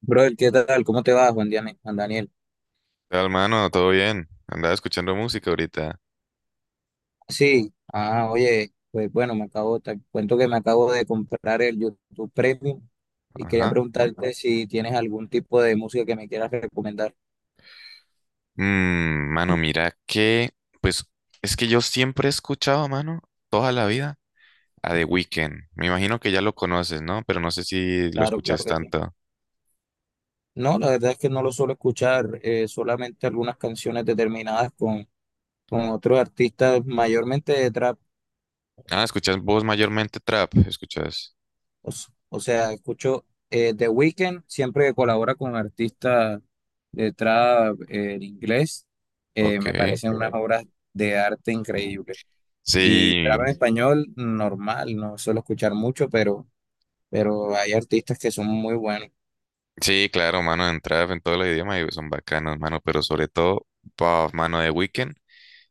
Brother, ¿qué tal? ¿Cómo te va, Juan Daniel? Tal, mano, todo bien. Andaba escuchando música ahorita. Sí, ah, oye, pues bueno, te cuento que me acabo de comprar el YouTube Premium y quería Ajá. preguntarte si tienes algún tipo de música que me quieras recomendar. Mano, mira que, pues, es que yo siempre he escuchado, mano, toda la vida a The Weeknd. Me imagino que ya lo conoces, ¿no? Pero no sé si lo Claro, claro escuchas que sí. tanto. No, la verdad es que no lo suelo escuchar, solamente algunas canciones determinadas con otros artistas, mayormente de trap. Ah, escuchas vos mayormente trap, escuchas. O sea, escucho The Weeknd siempre que colabora con artistas de trap, en inglés, Ok. me parecen unas, Ok, obras de arte increíbles. Y Sí, trap en, Sí, español, normal, no suelo escuchar mucho, pero hay artistas que son muy buenos. sí, claro, mano, en trap, en todos los idiomas y son bacanos, mano, pero sobre todo, bah, mano, The Weeknd.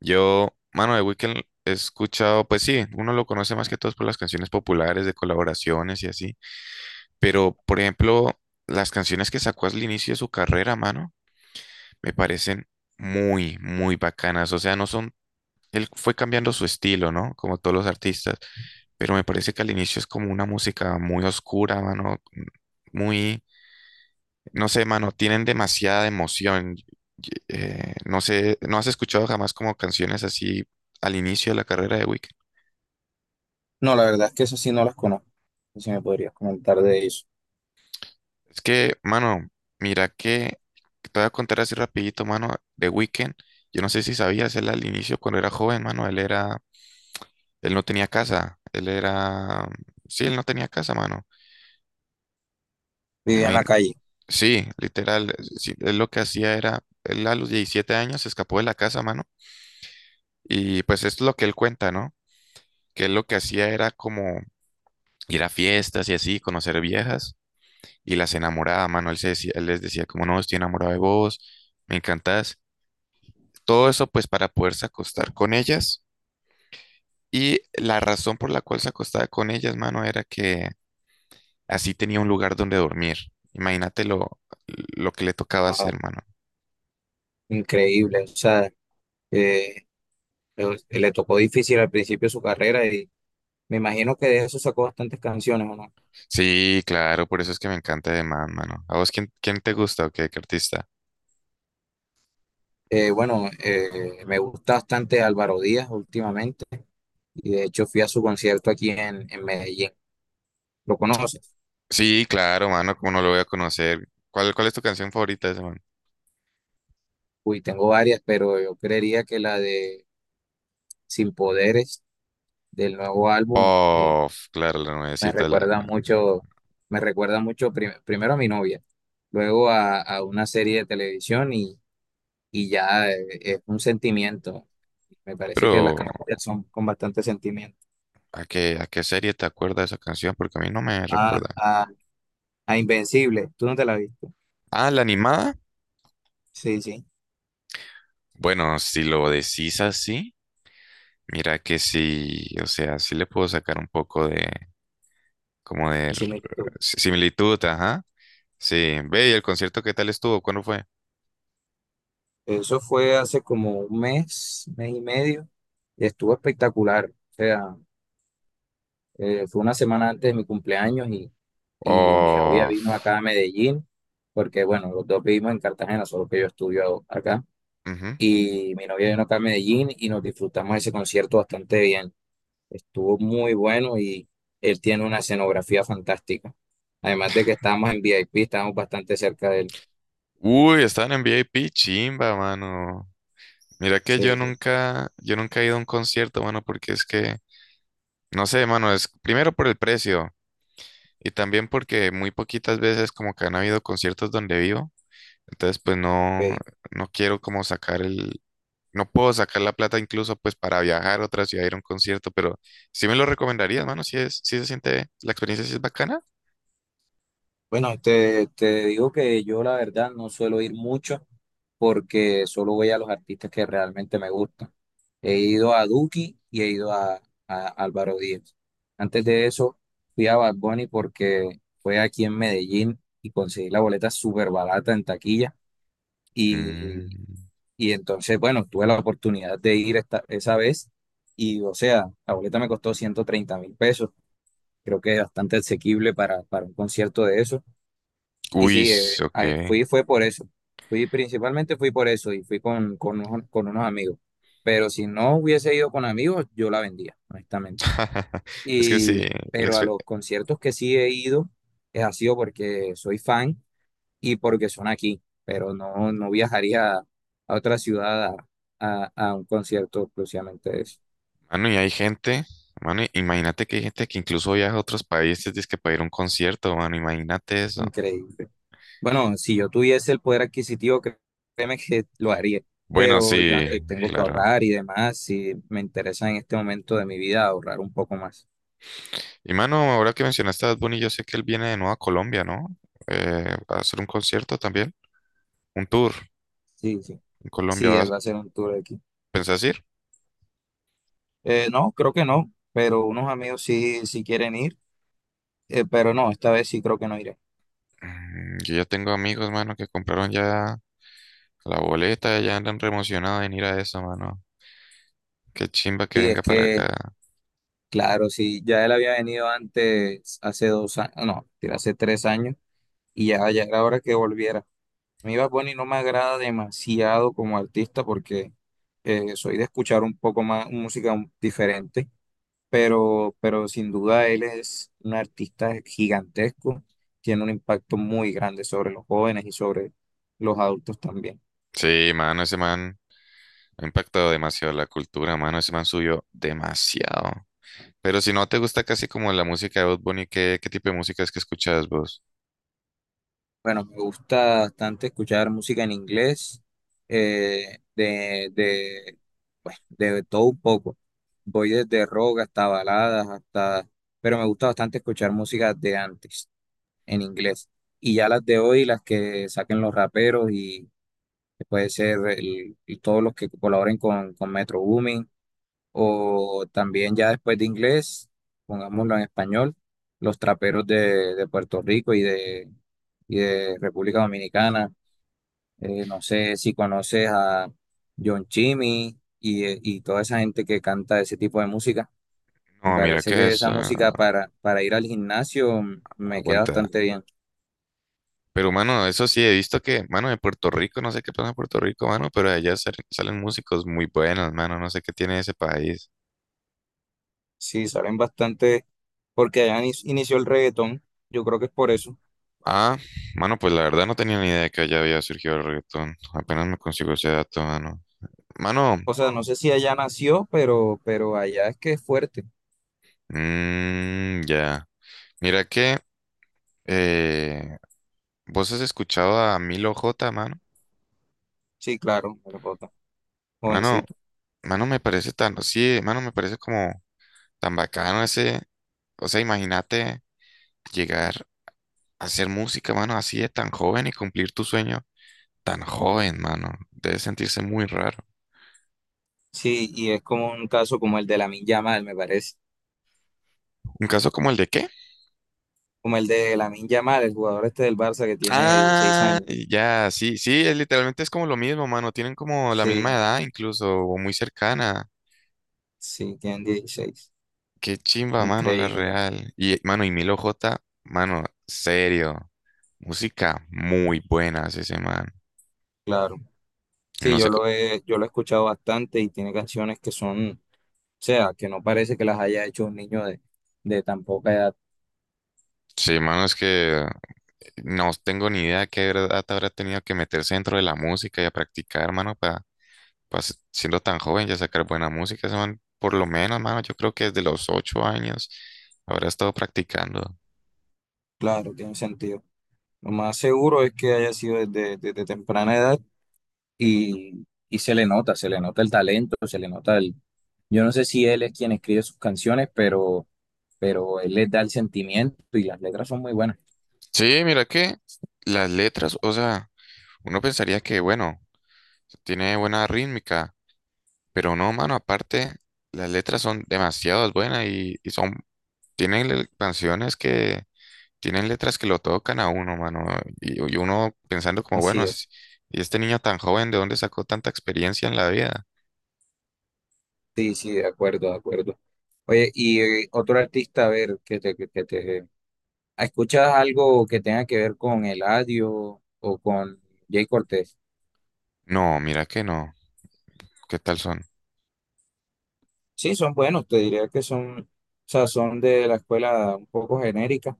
Yo, mano, de Weeknd he escuchado, pues sí, uno lo conoce más que todos por las canciones populares de colaboraciones y así, pero por ejemplo, las canciones que sacó al inicio de su carrera, mano, me parecen muy, muy bacanas. O sea, no son, él fue cambiando su estilo, ¿no? Como todos los artistas, pero me parece que al inicio es como una música muy oscura, mano, muy no sé, mano, tienen demasiada emoción. No sé, ¿no has escuchado jamás como canciones así al inicio de la carrera de Weekend? No, la verdad es que eso sí no las conozco. No sé si me podrías comentar de eso. Es que, mano, mira que te voy a contar así rapidito, mano, de Weekend. Yo no sé si sabías, él al inicio cuando era joven, mano, él era, él no tenía casa, él era, sí, él no tenía casa, mano. Vivía en Imagín- la calle. sí, literal, sí, él lo que hacía era, él a los 17 años se escapó de la casa, mano, y pues esto es lo que él cuenta, ¿no? Que él lo que hacía era como ir a fiestas y así, conocer viejas. Y las enamoraba, mano. Él, se decía, él les decía, como no, estoy enamorado de vos, me encantás. Todo eso, pues, para poderse acostar con ellas. Y la razón por la cual se acostaba con ellas, mano, era que así tenía un lugar donde dormir. Imagínate lo que le tocaba hacer, Wow, mano. increíble. O sea, eh, le tocó difícil al principio de su carrera y me imagino que de eso sacó bastantes canciones, ¿o no? Sí, claro, por eso es que me encanta de Man, mano. ¿A vos quién te gusta o qué artista? Bueno, me gusta bastante Álvaro Díaz últimamente y de hecho fui a su concierto aquí en Medellín. ¿Lo conoces? Sí, claro, mano, cómo no lo voy a conocer. ¿Cuál es tu canción favorita de ese man? Uy, tengo varias, pero yo creería que la de Sin Poderes del nuevo álbum, Bof, claro, la me nuevecita, la, recuerda mucho, me recuerda mucho primero a mi novia, luego a una serie de televisión y ya, es un sentimiento. Me parece que las pero, canciones son con bastante sentimiento. ¿a qué serie te acuerda esa canción? Porque a mí no me A, recuerda. a, a Invencible, ¿tú no te la viste? Ah, la animada. Sí, sí, Bueno, si lo decís así, mira que sí, o sea, sí le puedo sacar un poco de, como de sí, me similitud, ajá. Sí, ve, ¿y el concierto qué tal estuvo? ¿Cuándo fue? Eso fue hace como un mes, mes y medio, y estuvo espectacular. O sea, fue una semana antes de mi cumpleaños y mi novia Oh, vino acá a Medellín, porque bueno, los dos vivimos en Cartagena, solo que yo estudio acá. ujú. Y mi novia vino acá a Medellín y nos disfrutamos ese concierto bastante bien. Estuvo muy bueno y él tiene una escenografía fantástica. Además de que estábamos en VIP, estábamos bastante cerca de él. Uy, estaban en VIP, chimba, mano. Mira que Sí, yo sí. nunca, yo nunca he ido a un concierto, mano, porque es que, no sé, mano, es primero por el precio. Y también porque muy poquitas veces como que han habido conciertos donde vivo. Entonces pues no, Ok. no quiero como sacar el, no puedo sacar la plata incluso pues para viajar a otra ciudad a ir a un concierto, pero sí me lo recomendarías, mano, si se siente, la experiencia sí es bacana. Bueno, te digo que yo la verdad no suelo ir mucho porque solo voy a los artistas que realmente me gustan. He ido a Duki y he ido a Álvaro Díaz. Antes de eso fui a Bad Bunny porque fue aquí en Medellín y conseguí la boleta súper barata en taquilla. Y, Mm, y entonces, bueno, tuve la oportunidad de ir esa vez y, o sea, la boleta me costó 130.000 pesos. Creo que es bastante asequible para un concierto de eso. Y uy, sí, ok. a- fui fue por eso. Fui principalmente fui por eso y fui con unos amigos. Pero si no hubiese ido con amigos, yo la vendía, honestamente. Es que sí, Y, la pero a exper- los conciertos que sí he ido, es ha sido porque soy fan y porque son aquí. Pero no, no viajaría a otra ciudad a, a un concierto exclusivamente de eso. mano, y hay gente, mano, imagínate que hay gente que incluso viaja a otros países, dice que para ir a un concierto, mano, imagínate eso. Increíble. Bueno, si yo tuviese el poder adquisitivo, créeme que lo haría, Bueno, pero diga, sí, tengo que claro. ahorrar y demás, si me interesa en este momento de mi vida ahorrar un poco más. Y mano, ahora que mencionaste a Bad Bunny, yo sé que él viene de nuevo a Colombia, ¿no? A hacer un concierto también, un tour Sí, sí. en Colombia. Sí, él ¿Vas, va a hacer un tour aquí. pensás ir? No, creo que no, pero unos amigos sí, sí quieren ir, pero no, esta vez sí creo que no iré. Yo ya tengo amigos, mano, que compraron ya la boleta, ya andan re emocionados en ir a eso, mano. Qué chimba que Sí, es venga para que, acá. claro, sí, ya él había venido antes, hace 2 años, no, mentira, hace 3 años, y ya, ya era hora que volviera. A mí Bad Bunny no me agrada demasiado como artista porque soy de escuchar un poco más música diferente, pero sin duda él es un artista gigantesco, tiene un impacto muy grande sobre los jóvenes y sobre los adultos también. Sí, mano, ese man ha impactado demasiado la cultura, mano. Ese man subió demasiado. Pero si no te gusta casi como la música de Bad Bunny, ¿qué tipo de música es que escuchas vos? Bueno, me gusta bastante escuchar música en inglés, eh, de, de, pues, de todo un poco. Voy desde rock hasta baladas, pero me gusta bastante escuchar música de antes en inglés. Y ya las de hoy, las que saquen los raperos y que puede ser y todos los que colaboren con Metro Booming, o también ya después de inglés, pongámoslo en español, los traperos de Puerto Rico y de República Dominicana. No sé si conoces a John Chimmy y toda esa gente que canta ese tipo de música. Me No, mira, parece ¿qué que es? esa Ah, música para ir al gimnasio me queda aguanta. bastante bien. Pero, mano, eso sí, he visto que, mano, de Puerto Rico, no sé qué pasa en Puerto Rico, mano, pero de allá salen músicos muy buenos, mano, no sé qué tiene ese país. Sí, salen bastante, porque allá inició el reggaetón, yo creo que es por eso. Ah, mano, pues la verdad no tenía ni idea que allá había surgido el reggaetón. Apenas me consigo ese dato, mano. Mano, O sea, no sé si allá nació, pero allá es que es fuerte. Ya. Mira que, eh, ¿vos has escuchado a Milo J, mano? Sí, claro, me lo jota, Mano, jovencito. mano, me parece tan, sí, mano, me parece como tan bacano ese, o sea, imagínate llegar hacer música, mano, así de tan joven y cumplir tu sueño tan joven, mano. Debe sentirse muy raro. Sí, y es como un caso como el de Lamine Yamal, me parece. ¿Un caso como el de qué? Como el de Lamine Yamal, el jugador este del Barça que tiene 16 Ah, años. ya, sí, sí, es, literalmente es como lo mismo, mano. Tienen como la Sí, misma edad incluso, o muy cercana. sí, tiene dieciséis. Qué chimba, mano, la Increíble, real. Y, mano, y Milo J, mano, serio. Música muy buena hace ese man. claro. Sí, No sé, yo lo he escuchado bastante y tiene canciones que son, o sea, que no parece que las haya hecho un niño de tan poca edad. sí, mano, es que no tengo ni idea de qué edad habrá tenido que meterse dentro de la música y a practicar, mano, pues, siendo tan joven, ya sacar buena música, ese man, por lo menos, mano, yo creo que desde los 8 años habrá estado practicando. Claro, tiene sentido. Lo más seguro es que haya sido desde, desde temprana edad y se le nota el talento, se le nota. Yo no sé si él es quien escribe sus canciones, pero él les da el sentimiento y las letras son muy buenas. Sí, mira que las letras, o sea, uno pensaría que, bueno, tiene buena rítmica, pero no, mano, aparte, las letras son demasiado buenas y son, canciones que, tienen letras que lo tocan a uno, mano, y uno pensando como, bueno, Así es. Y este niño tan joven, ¿de dónde sacó tanta experiencia en la vida? Sí, sí, de acuerdo, de acuerdo. Oye, y otro artista, a ver, que te... ¿Escuchas algo que tenga que ver con Eladio o con Jay Cortés? No, mira que no, ¿qué tal son? Sí, son buenos, te diría que son, o sea, son de la escuela un poco genérica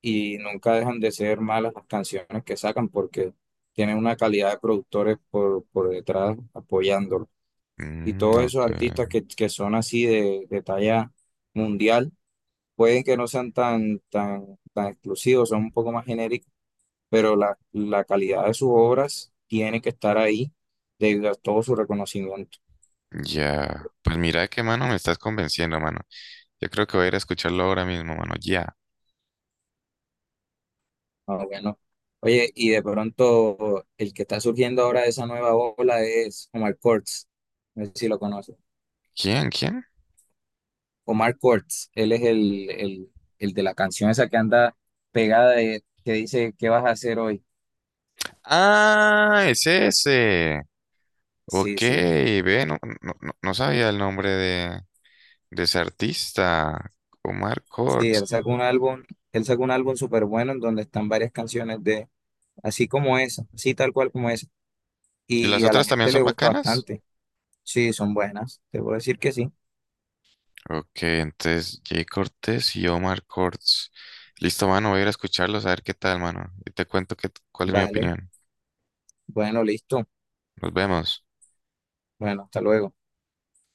y nunca dejan de ser malas las canciones que sacan porque tienen una calidad de productores por detrás apoyándolo. Y Mm, todos esos ok. artistas que son así de talla mundial, pueden que no sean tan, tan, tan exclusivos, son un poco más genéricos, pero la calidad de sus obras tiene que estar ahí debido a todo su reconocimiento. Ya. Pues mira qué mano me estás convenciendo, mano. Yo creo que voy a ir a escucharlo ahora mismo, mano. Ya. Ah, bueno. Oye, y de pronto el que está surgiendo ahora de esa nueva ola es Omar Courtz. No sé si lo conoces. ¿Quién? ¿Quién? Omar Courtz, él es el de la canción esa que anda pegada que dice: ¿qué vas a hacer hoy? Ah, es ese. Sí, Ok, sí. ve, no, no, no no sabía el nombre de ese artista. Omar Sí, Cortz. Él sacó un álbum súper bueno en donde están varias canciones así como esa, así tal cual como esa. ¿Y las Y a la otras también gente le son gusta bacanas? bastante. Sí, son buenas. Te puedo decir que sí. Ok, entonces Jay Cortés y Omar Cortz. Listo, mano, voy a ir a escucharlos a ver qué tal, mano. Y te cuento cuál es mi Vale. opinión. Bueno, listo. Nos vemos. Bueno, hasta luego.